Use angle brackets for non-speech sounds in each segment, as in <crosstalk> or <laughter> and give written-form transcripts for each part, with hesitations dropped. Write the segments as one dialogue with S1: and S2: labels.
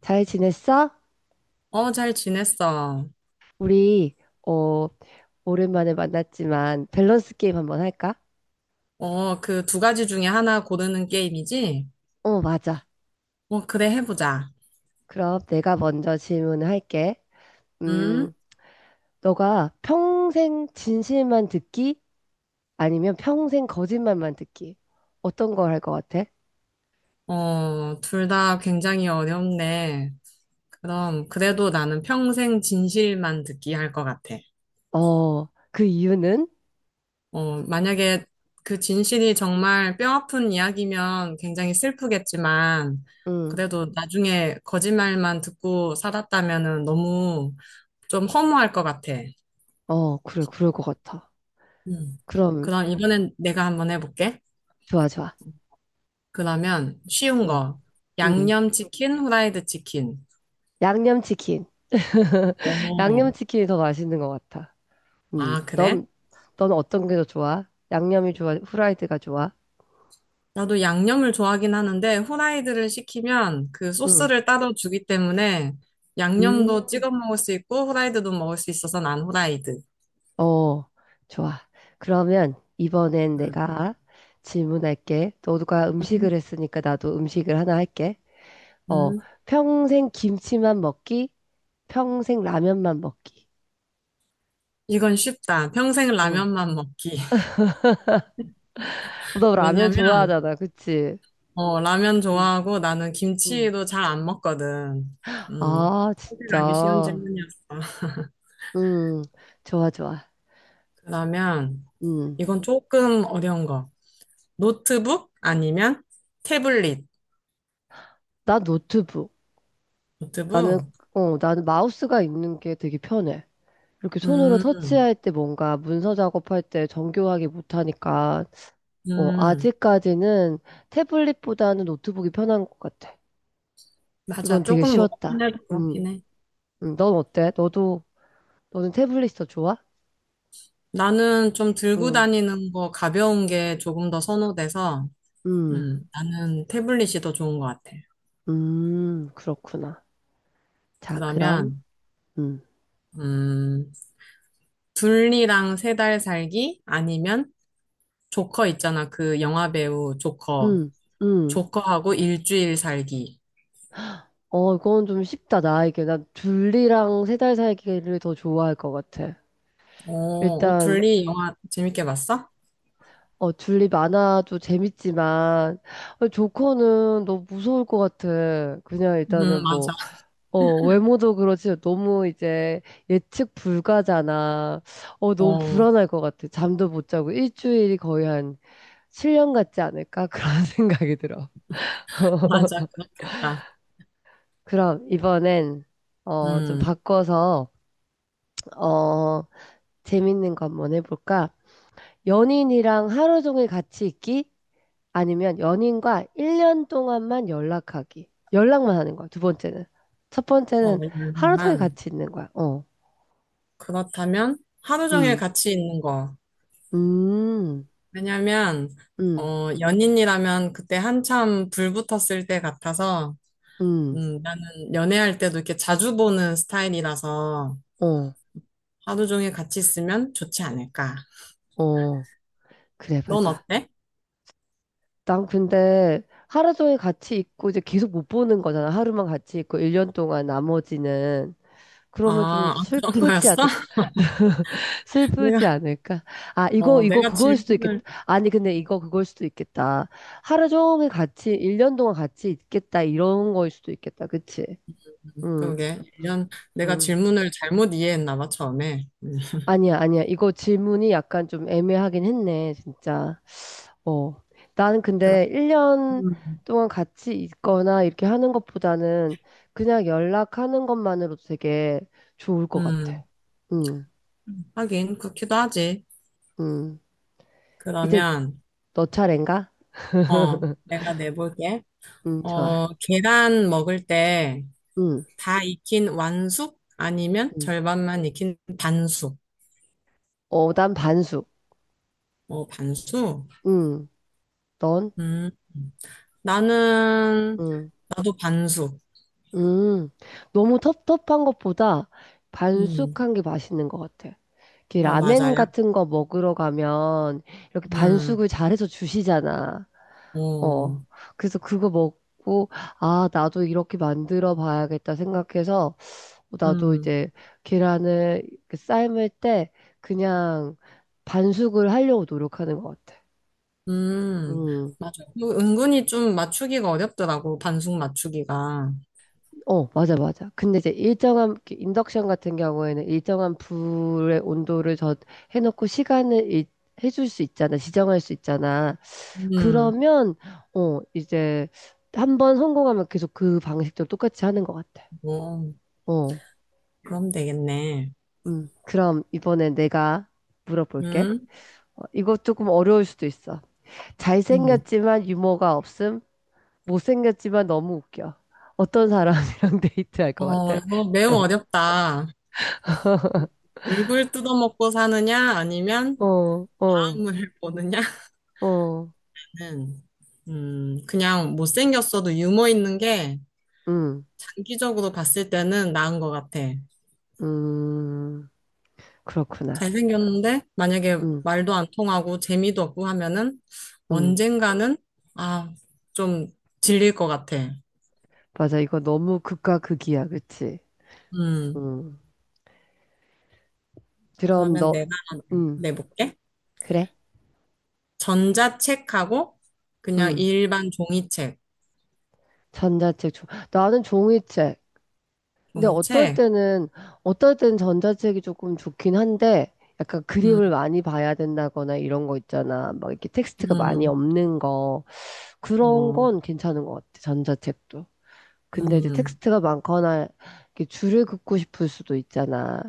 S1: 잘 지냈어?
S2: 어, 잘 지냈어.
S1: 우리, 어, 오랜만에 만났지만 밸런스 게임 한번 할까?
S2: 어, 그 두 가지 중에 하나 고르는 게임이지?
S1: 어, 맞아.
S2: 어, 그래, 해보자.
S1: 그럼 내가 먼저 질문을 할게.
S2: 음?
S1: 음, 너가 평생 진실만 듣기? 아니면 평생 거짓말만 듣기? 어떤 걸 할 것 같아?
S2: 어, 둘 다 굉장히 어렵네. 그럼, 그래도 나는 평생 진실만 듣기 할 것 같아.
S1: 그 이유는?
S2: 어, 만약에 그 진실이 정말 뼈아픈 이야기면 굉장히 슬프겠지만,
S1: 음,
S2: 그래도 나중에 거짓말만 듣고 살았다면은 너무 좀 허무할 것 같아.
S1: 그래, 그럴 것 같아.
S2: 음.
S1: 그럼,
S2: 그럼 이번엔 내가 한번 해볼게.
S1: 좋아, 좋아.
S2: 그러면 쉬운
S1: 음,
S2: 거.
S1: 음.
S2: 양념치킨, 후라이드 치킨.
S1: 양념치킨. <laughs>
S2: 오.
S1: 양념치킨이 더 맛있는 것 같아. 음.
S2: 아, 그래?
S1: 넌, 넌 어떤 게 더 좋아? 양념이 좋아? 후라이드가 좋아?
S2: 나도 양념을 좋아하긴 하는데, 후라이드를 시키면 그
S1: 응.
S2: 소스를 따로 주기 때문에 양념도 찍어
S1: 음.
S2: 먹을 수 있고, 후라이드도 먹을 수 있어서 난 후라이드.
S1: 어, 좋아. 그러면 이번엔
S2: 음,
S1: 내가 질문할게. 너가 음식을
S2: 음,
S1: 했으니까 나도 음식을 하나 할게. 어,
S2: 음.
S1: 평생 김치만 먹기, 평생 라면만 먹기.
S2: 이건 쉽다. 평생
S1: 어.
S2: 라면만 먹기. <laughs>
S1: 너 라면
S2: 왜냐면,
S1: 좋아하잖아, 그치?
S2: 어, 라면
S1: 응,
S2: 좋아하고 나는
S1: 응.
S2: 김치도 잘 안 먹거든.
S1: 아,
S2: 선택하기 쉬운
S1: 진짜.
S2: 질문이었어.
S1: 음, 좋아, 좋아.
S2: 그러면
S1: 음,
S2: 이건 조금 어려운 거. 노트북 아니면 태블릿.
S1: 나 노트북. 나는,
S2: 노트북?
S1: 나는 마우스가 있는 게 되게 편해. 이렇게 손으로
S2: 음,
S1: 터치할 때 뭔가 문서 작업할 때 정교하게 못하니까,
S2: 음,
S1: 아직까지는 태블릿보다는 노트북이 편한 것 같아.
S2: 맞아.
S1: 이건 되게
S2: 조금 무겁긴
S1: 쉬웠다.
S2: 해도 긴
S1: 음,
S2: 해.
S1: 넌 어때? 너는 태블릿이 더 좋아?
S2: 나는 좀 들고
S1: 음,
S2: 다니는 거 가벼운 게 조금 더 선호돼서,
S1: 음,
S2: 나는 태블릿이 더 좋은 것 같아.
S1: 그렇구나. 자, 그럼,
S2: 그러면,
S1: 음,
S2: 음, 둘리랑 세달 살기 아니면 조커 있잖아. 그 영화 배우 조커.
S1: 음, 음.
S2: 조커하고 일주일 살기.
S1: 이건 좀 쉽다, 나에게. 난 둘리랑 3달 살기를 더 좋아할 것 같아.
S2: 어, 어,
S1: 일단,
S2: 둘리 영화 재밌게 봤어?
S1: 줄리 만화도 재밌지만, 조커는 너무 무서울 것 같아. 그냥 일단은
S2: 맞아.
S1: 뭐, 외모도 그렇지, 너무 이제 예측 불가잖아. 너무
S2: 어,
S1: 불안할 것 같아. 잠도 못 자고. 일주일이 거의 한 7년 같지 않을까? 그런 <laughs> 생각이 들어.
S2: 맞아, 그렇겠다.
S1: 그럼 이번엔, 좀
S2: 음,
S1: 바꿔서, 어, 재밌는 거 한번 해볼까? 연인이랑 하루 종일 같이 있기? 아니면 연인과 1년 동안만 연락하기. 연락만 하는 거야, 두 번째는. 첫
S2: 어,
S1: 번째는 하루 종일
S2: 열방만.
S1: 같이 있는 거야. 어,
S2: 그렇다면 하루 종일
S1: 음,
S2: 같이 있는 거.
S1: 음,
S2: 왜냐면,
S1: 음,
S2: 어, 연인이라면 그때 한참 불 붙었을 때 같아서,
S1: 음,
S2: 나는 연애할 때도 이렇게 자주 보는 스타일이라서
S1: 어,
S2: 하루 종일 같이 있으면 좋지 않을까.
S1: 어. 그래,
S2: 넌
S1: 맞아.
S2: 어때?
S1: 난 근데 하루 종일 같이 있고 이제 계속 못 보는 거잖아. 하루만 같이 있고 1년 동안 나머지는. 그러면 좀
S2: 아, 아, 그런
S1: 슬프지
S2: 거였어?
S1: 않을까?
S2: <laughs> 내가,
S1: 슬프지 않을까? 아, 이거,
S2: 어,
S1: 이거,
S2: 내가
S1: 그거일 수도 있겠다.
S2: 질문을,
S1: 아니, 근데 이거, 그거일 수도 있겠다. 하루 종일 같이, 1년 동안 같이 있겠다. 이런 거일 수도 있겠다. 그치? 응,
S2: 그러게, 이런, 내가
S1: 응.
S2: 질문을 잘못 이해했나 봐, 처음에.
S1: 아니야, 아니야. 이거 질문이 약간 좀 애매하긴 했네, 진짜. 어. 나는
S2: 그렇,
S1: 근데 1년
S2: 음,
S1: 동안 같이 있거나 이렇게 하는 것보다는 그냥 연락하는 것만으로도 되게 좋을 것 같아.
S2: 음,
S1: 응,
S2: 하긴, 그렇기도 하지.
S1: 응. 이제
S2: 그러면,
S1: 너 차례인가?
S2: 어, 내가 내볼게.
S1: 응, 좋아.
S2: 어, 계란 먹을 때
S1: 응.
S2: 다 익힌 완숙? 아니면
S1: 응.
S2: 절반만 익힌 반숙?
S1: 난 반숙.
S2: 어, 반숙?
S1: 응. 넌?
S2: 음, 나는,
S1: 응.
S2: 나도 반숙.
S1: 음. 너무 텁텁한 것보다
S2: 음,
S1: 반숙한 게 맛있는 것 같아. 이렇게
S2: 어,
S1: 라멘
S2: 맞아요.
S1: 같은 거 먹으러 가면 이렇게
S2: 음,
S1: 반숙을 잘해서 주시잖아. 어.
S2: 어,
S1: 그래서 그거 먹고, 아, 나도 이렇게 만들어 봐야겠다 생각해서 나도
S2: 음,
S1: 이제 계란을 이렇게 삶을 때 그냥 반숙을 하려고 노력하는 것 같아.
S2: 음,
S1: 응.
S2: 맞아. 그 은근히 좀 맞추기가 어렵더라고, 반숙 맞추기가.
S1: 맞아, 맞아. 근데 이제 일정한, 그 인덕션 같은 경우에는 일정한 불의 온도를 저 해놓고 시간을 해줄 수 있잖아. 지정할 수 있잖아.
S2: 음,
S1: 그러면, 이제 한 번 성공하면 계속 그 방식대로 똑같이 하는 것 같아.
S2: 어,
S1: 어,
S2: 그럼 되겠네.
S1: 그럼 이번에 내가 물어볼게.
S2: 음,
S1: 이거 조금 어려울 수도 있어.
S2: 음.
S1: 잘생겼지만 유머가 없음, 못생겼지만 너무 웃겨. 어떤 사람이랑 <laughs> 데이트할 것
S2: 어,
S1: 같아?
S2: 이거 매우
S1: <laughs>
S2: 어렵다. 얼굴 뜯어먹고 사느냐, 아니면
S1: 어, 어,
S2: 마음을 <laughs> 보느냐?
S1: 어.
S2: 는 그냥 못생겼어도 유머 있는 게
S1: 음,
S2: 장기적으로 봤을 때는 나은 것 같아.
S1: 음, 그렇구나.
S2: 잘생겼는데, 만약에
S1: 음,
S2: 말도 안 통하고 재미도 없고 하면은
S1: 음.
S2: 언젠가는, 아, 좀 질릴 것 같아.
S1: 맞아. 이거 너무 극과 극이야. 그치?
S2: 음,
S1: 음. 그럼
S2: 그러면
S1: 너,
S2: 내가 하나
S1: 음,
S2: 내볼게.
S1: 그래?
S2: 전자책하고 그냥
S1: 음.
S2: 일반 종이책.
S1: 나는 종이책. 근데
S2: 종이책?
S1: 어떨 땐 전자책이 조금 좋긴 한데, 약간 그림을
S2: 음,
S1: 많이 봐야 된다거나 이런 거 있잖아. 막 이렇게 텍스트가 많이
S2: 음.
S1: 없는 거. 그런
S2: 어,
S1: 건 괜찮은 것 같아. 전자책도. 근데 이제
S2: 음,
S1: 텍스트가 많거나 이렇게 줄을 긋고 싶을 수도 있잖아.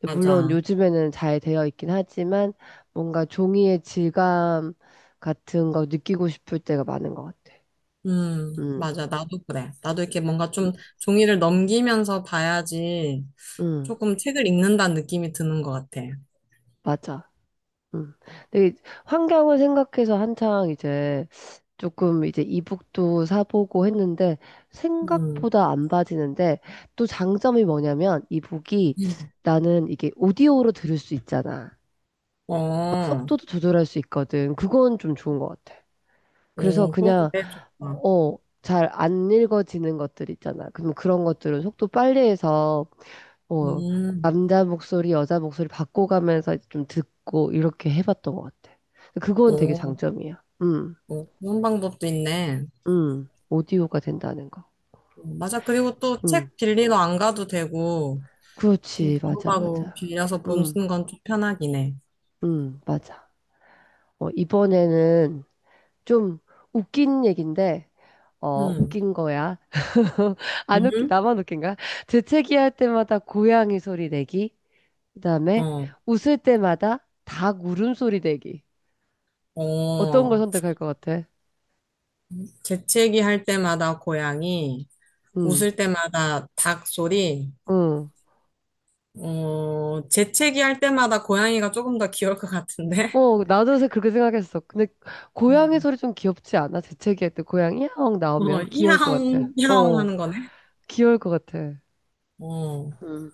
S1: 근데 물론
S2: 맞아.
S1: 요즘에는 잘 되어 있긴 하지만 뭔가 종이의 질감 같은 거 느끼고 싶을 때가 많은 것 같아. 음,
S2: 맞아. 나도 그래. 나도 이렇게 뭔가
S1: 음,
S2: 좀 종이를 넘기면서 봐야지
S1: 음,
S2: 조금 책을 읽는다는 느낌이 드는 것 같아.
S1: 맞아. 음. 근데 환경을 생각해서 한창 이제 조금 이제 이북도 사보고 했는데
S2: 음,
S1: 생각보다 안 빠지는데 또 장점이 뭐냐면 이북이
S2: 음.
S1: 나는 이게 오디오로 들을 수 있잖아. 막
S2: 어,
S1: 속도도 조절할 수 있거든. 그건 좀 좋은 것 같아. 그래서
S2: 오, 그거
S1: 그냥,
S2: 되게 좋다.
S1: 어, 잘 안 읽어지는 것들 있잖아. 그럼 그런 것들은 속도 빨리 해서, 어,
S2: 음,
S1: 남자 목소리, 여자 목소리 바꿔가면서 좀 듣고 이렇게 해봤던 것 같아. 그건 되게
S2: 오,
S1: 장점이야.
S2: 오, 그런 방법도 있네.
S1: 오디오가 된다는 거.
S2: 맞아. 그리고 또
S1: 음,
S2: 책 빌리러 안 가도 되고, 좀
S1: 그렇지. 맞아,
S2: 바로바로
S1: 맞아.
S2: 빌려서 보는
S1: 음,
S2: 건 좀 편하긴 해.
S1: 맞아. 이번에는 좀 웃긴 얘긴데,
S2: 음,
S1: 웃긴 거야. 안 웃기,
S2: 음,
S1: 나만 웃긴가? 재채기할 때마다 고양이 소리 내기. 그다음에
S2: 어,
S1: 웃을 때마다 닭 울음소리 내기. 어떤 걸
S2: 어.
S1: 선택할 것 같아?
S2: 재채기 할 때마다 고양이,
S1: 응,
S2: 웃을 때마다 닭 소리,
S1: 응.
S2: 어, 재채기 할 때마다 고양이가 조금 더 귀여울 것 같은데?
S1: 나도 요새 그렇게 생각했어. 근데 고양이
S2: 음.
S1: 소리 좀 귀엽지 않아? 재채기할 때 고양이 야옹
S2: <laughs> 어,
S1: 나오면 귀여울 것 같아.
S2: 이하옹, 이하옹 하는 거네?
S1: 귀여울 것 같아.
S2: 어,
S1: 응,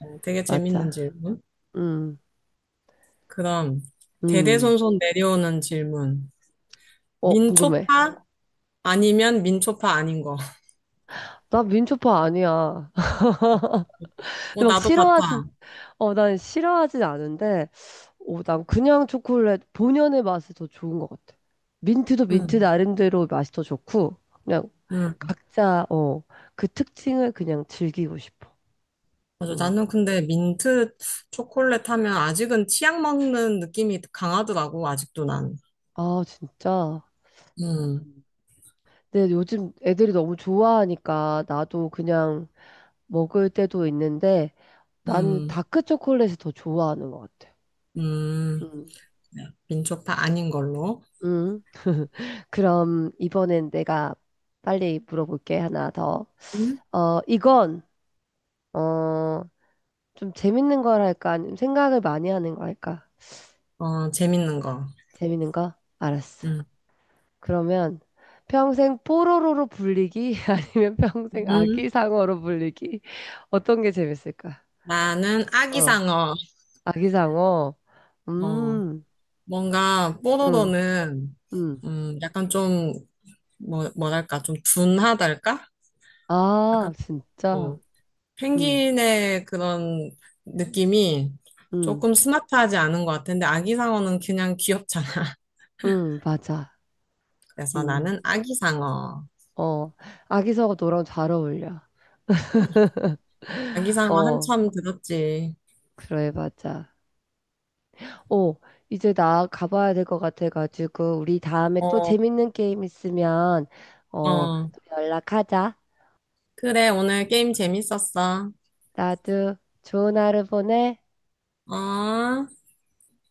S2: 어, 되게 재밌는
S1: 맞아.
S2: 질문.
S1: 응,
S2: 그럼,
S1: 응.
S2: 대대손손 내려오는 질문.
S1: 궁금해.
S2: 민초파? 아니면 민초파 아닌 거.
S1: 나 민초파 아니야. <laughs>
S2: <laughs>
S1: 근데
S2: 어,
S1: 막
S2: 나도
S1: 싫어하진,
S2: 같아.
S1: 어, 난 싫어하진 않은데, 난 그냥 초콜릿 본연의 맛이 더 좋은 것 같아. 민트도 민트
S2: 응,
S1: 나름대로 맛이 더 좋고, 그냥
S2: 응.
S1: 각자, 그 특징을 그냥 즐기고 싶어.
S2: 맞아.
S1: 응.
S2: 나는 근데 민트 초콜릿 하면 아직은 치약 먹는 느낌이 강하더라고, 아직도 난.
S1: 아, 진짜.
S2: 음,
S1: 근데 요즘 애들이 너무 좋아하니까 나도 그냥 먹을 때도 있는데, 나는
S2: 음,
S1: 다크 초콜릿을 더 좋아하는 것 같아.
S2: 음.
S1: 응.
S2: 민초파 아닌 걸로.
S1: 응. 그럼 이번엔 내가 빨리 물어볼게, 하나 더.
S2: 음?
S1: 어, 이건, 어, 좀 재밌는 걸 할까? 아니면 생각을 많이 하는 거 할까?
S2: 어, 재밌는 거.
S1: 재밌는 거? 알았어.
S2: 음.
S1: 그러면 평생 뽀로로로 불리기 <laughs> 아니면 평생
S2: 음.
S1: 아기상어로 불리기 어떤 게 재밌을까?
S2: 나는
S1: 어,
S2: 아기상어.
S1: 아기상어.
S2: 어,
S1: 음,
S2: 뭔가
S1: 음,
S2: 뽀로로는
S1: 음.
S2: 약간 좀 뭐, 뭐랄까 좀 둔하달까?
S1: 아,
S2: 약간
S1: 진짜.
S2: 뭐
S1: 음,
S2: 펭귄의 그런 느낌이
S1: 음,
S2: 조금 스마트하지 않은 것 같은데 아기상어는 그냥 귀엽잖아. <laughs>
S1: 맞아.
S2: 그래서
S1: 음,
S2: 나는 아기상어.
S1: 어, 아기상어 너랑 잘 어울려.
S2: 아기상어
S1: 어,
S2: 한참 들었지.
S1: 그래, 맞아. 어, 이제 나 가봐야 될 것 같아가지고, 우리 다음에 또
S2: 어,
S1: 재밌는 게임 있으면,
S2: 어.
S1: 또 연락하자.
S2: 그래, 오늘 게임 재밌었어.
S1: 나도 좋은 하루 보내.
S2: 어?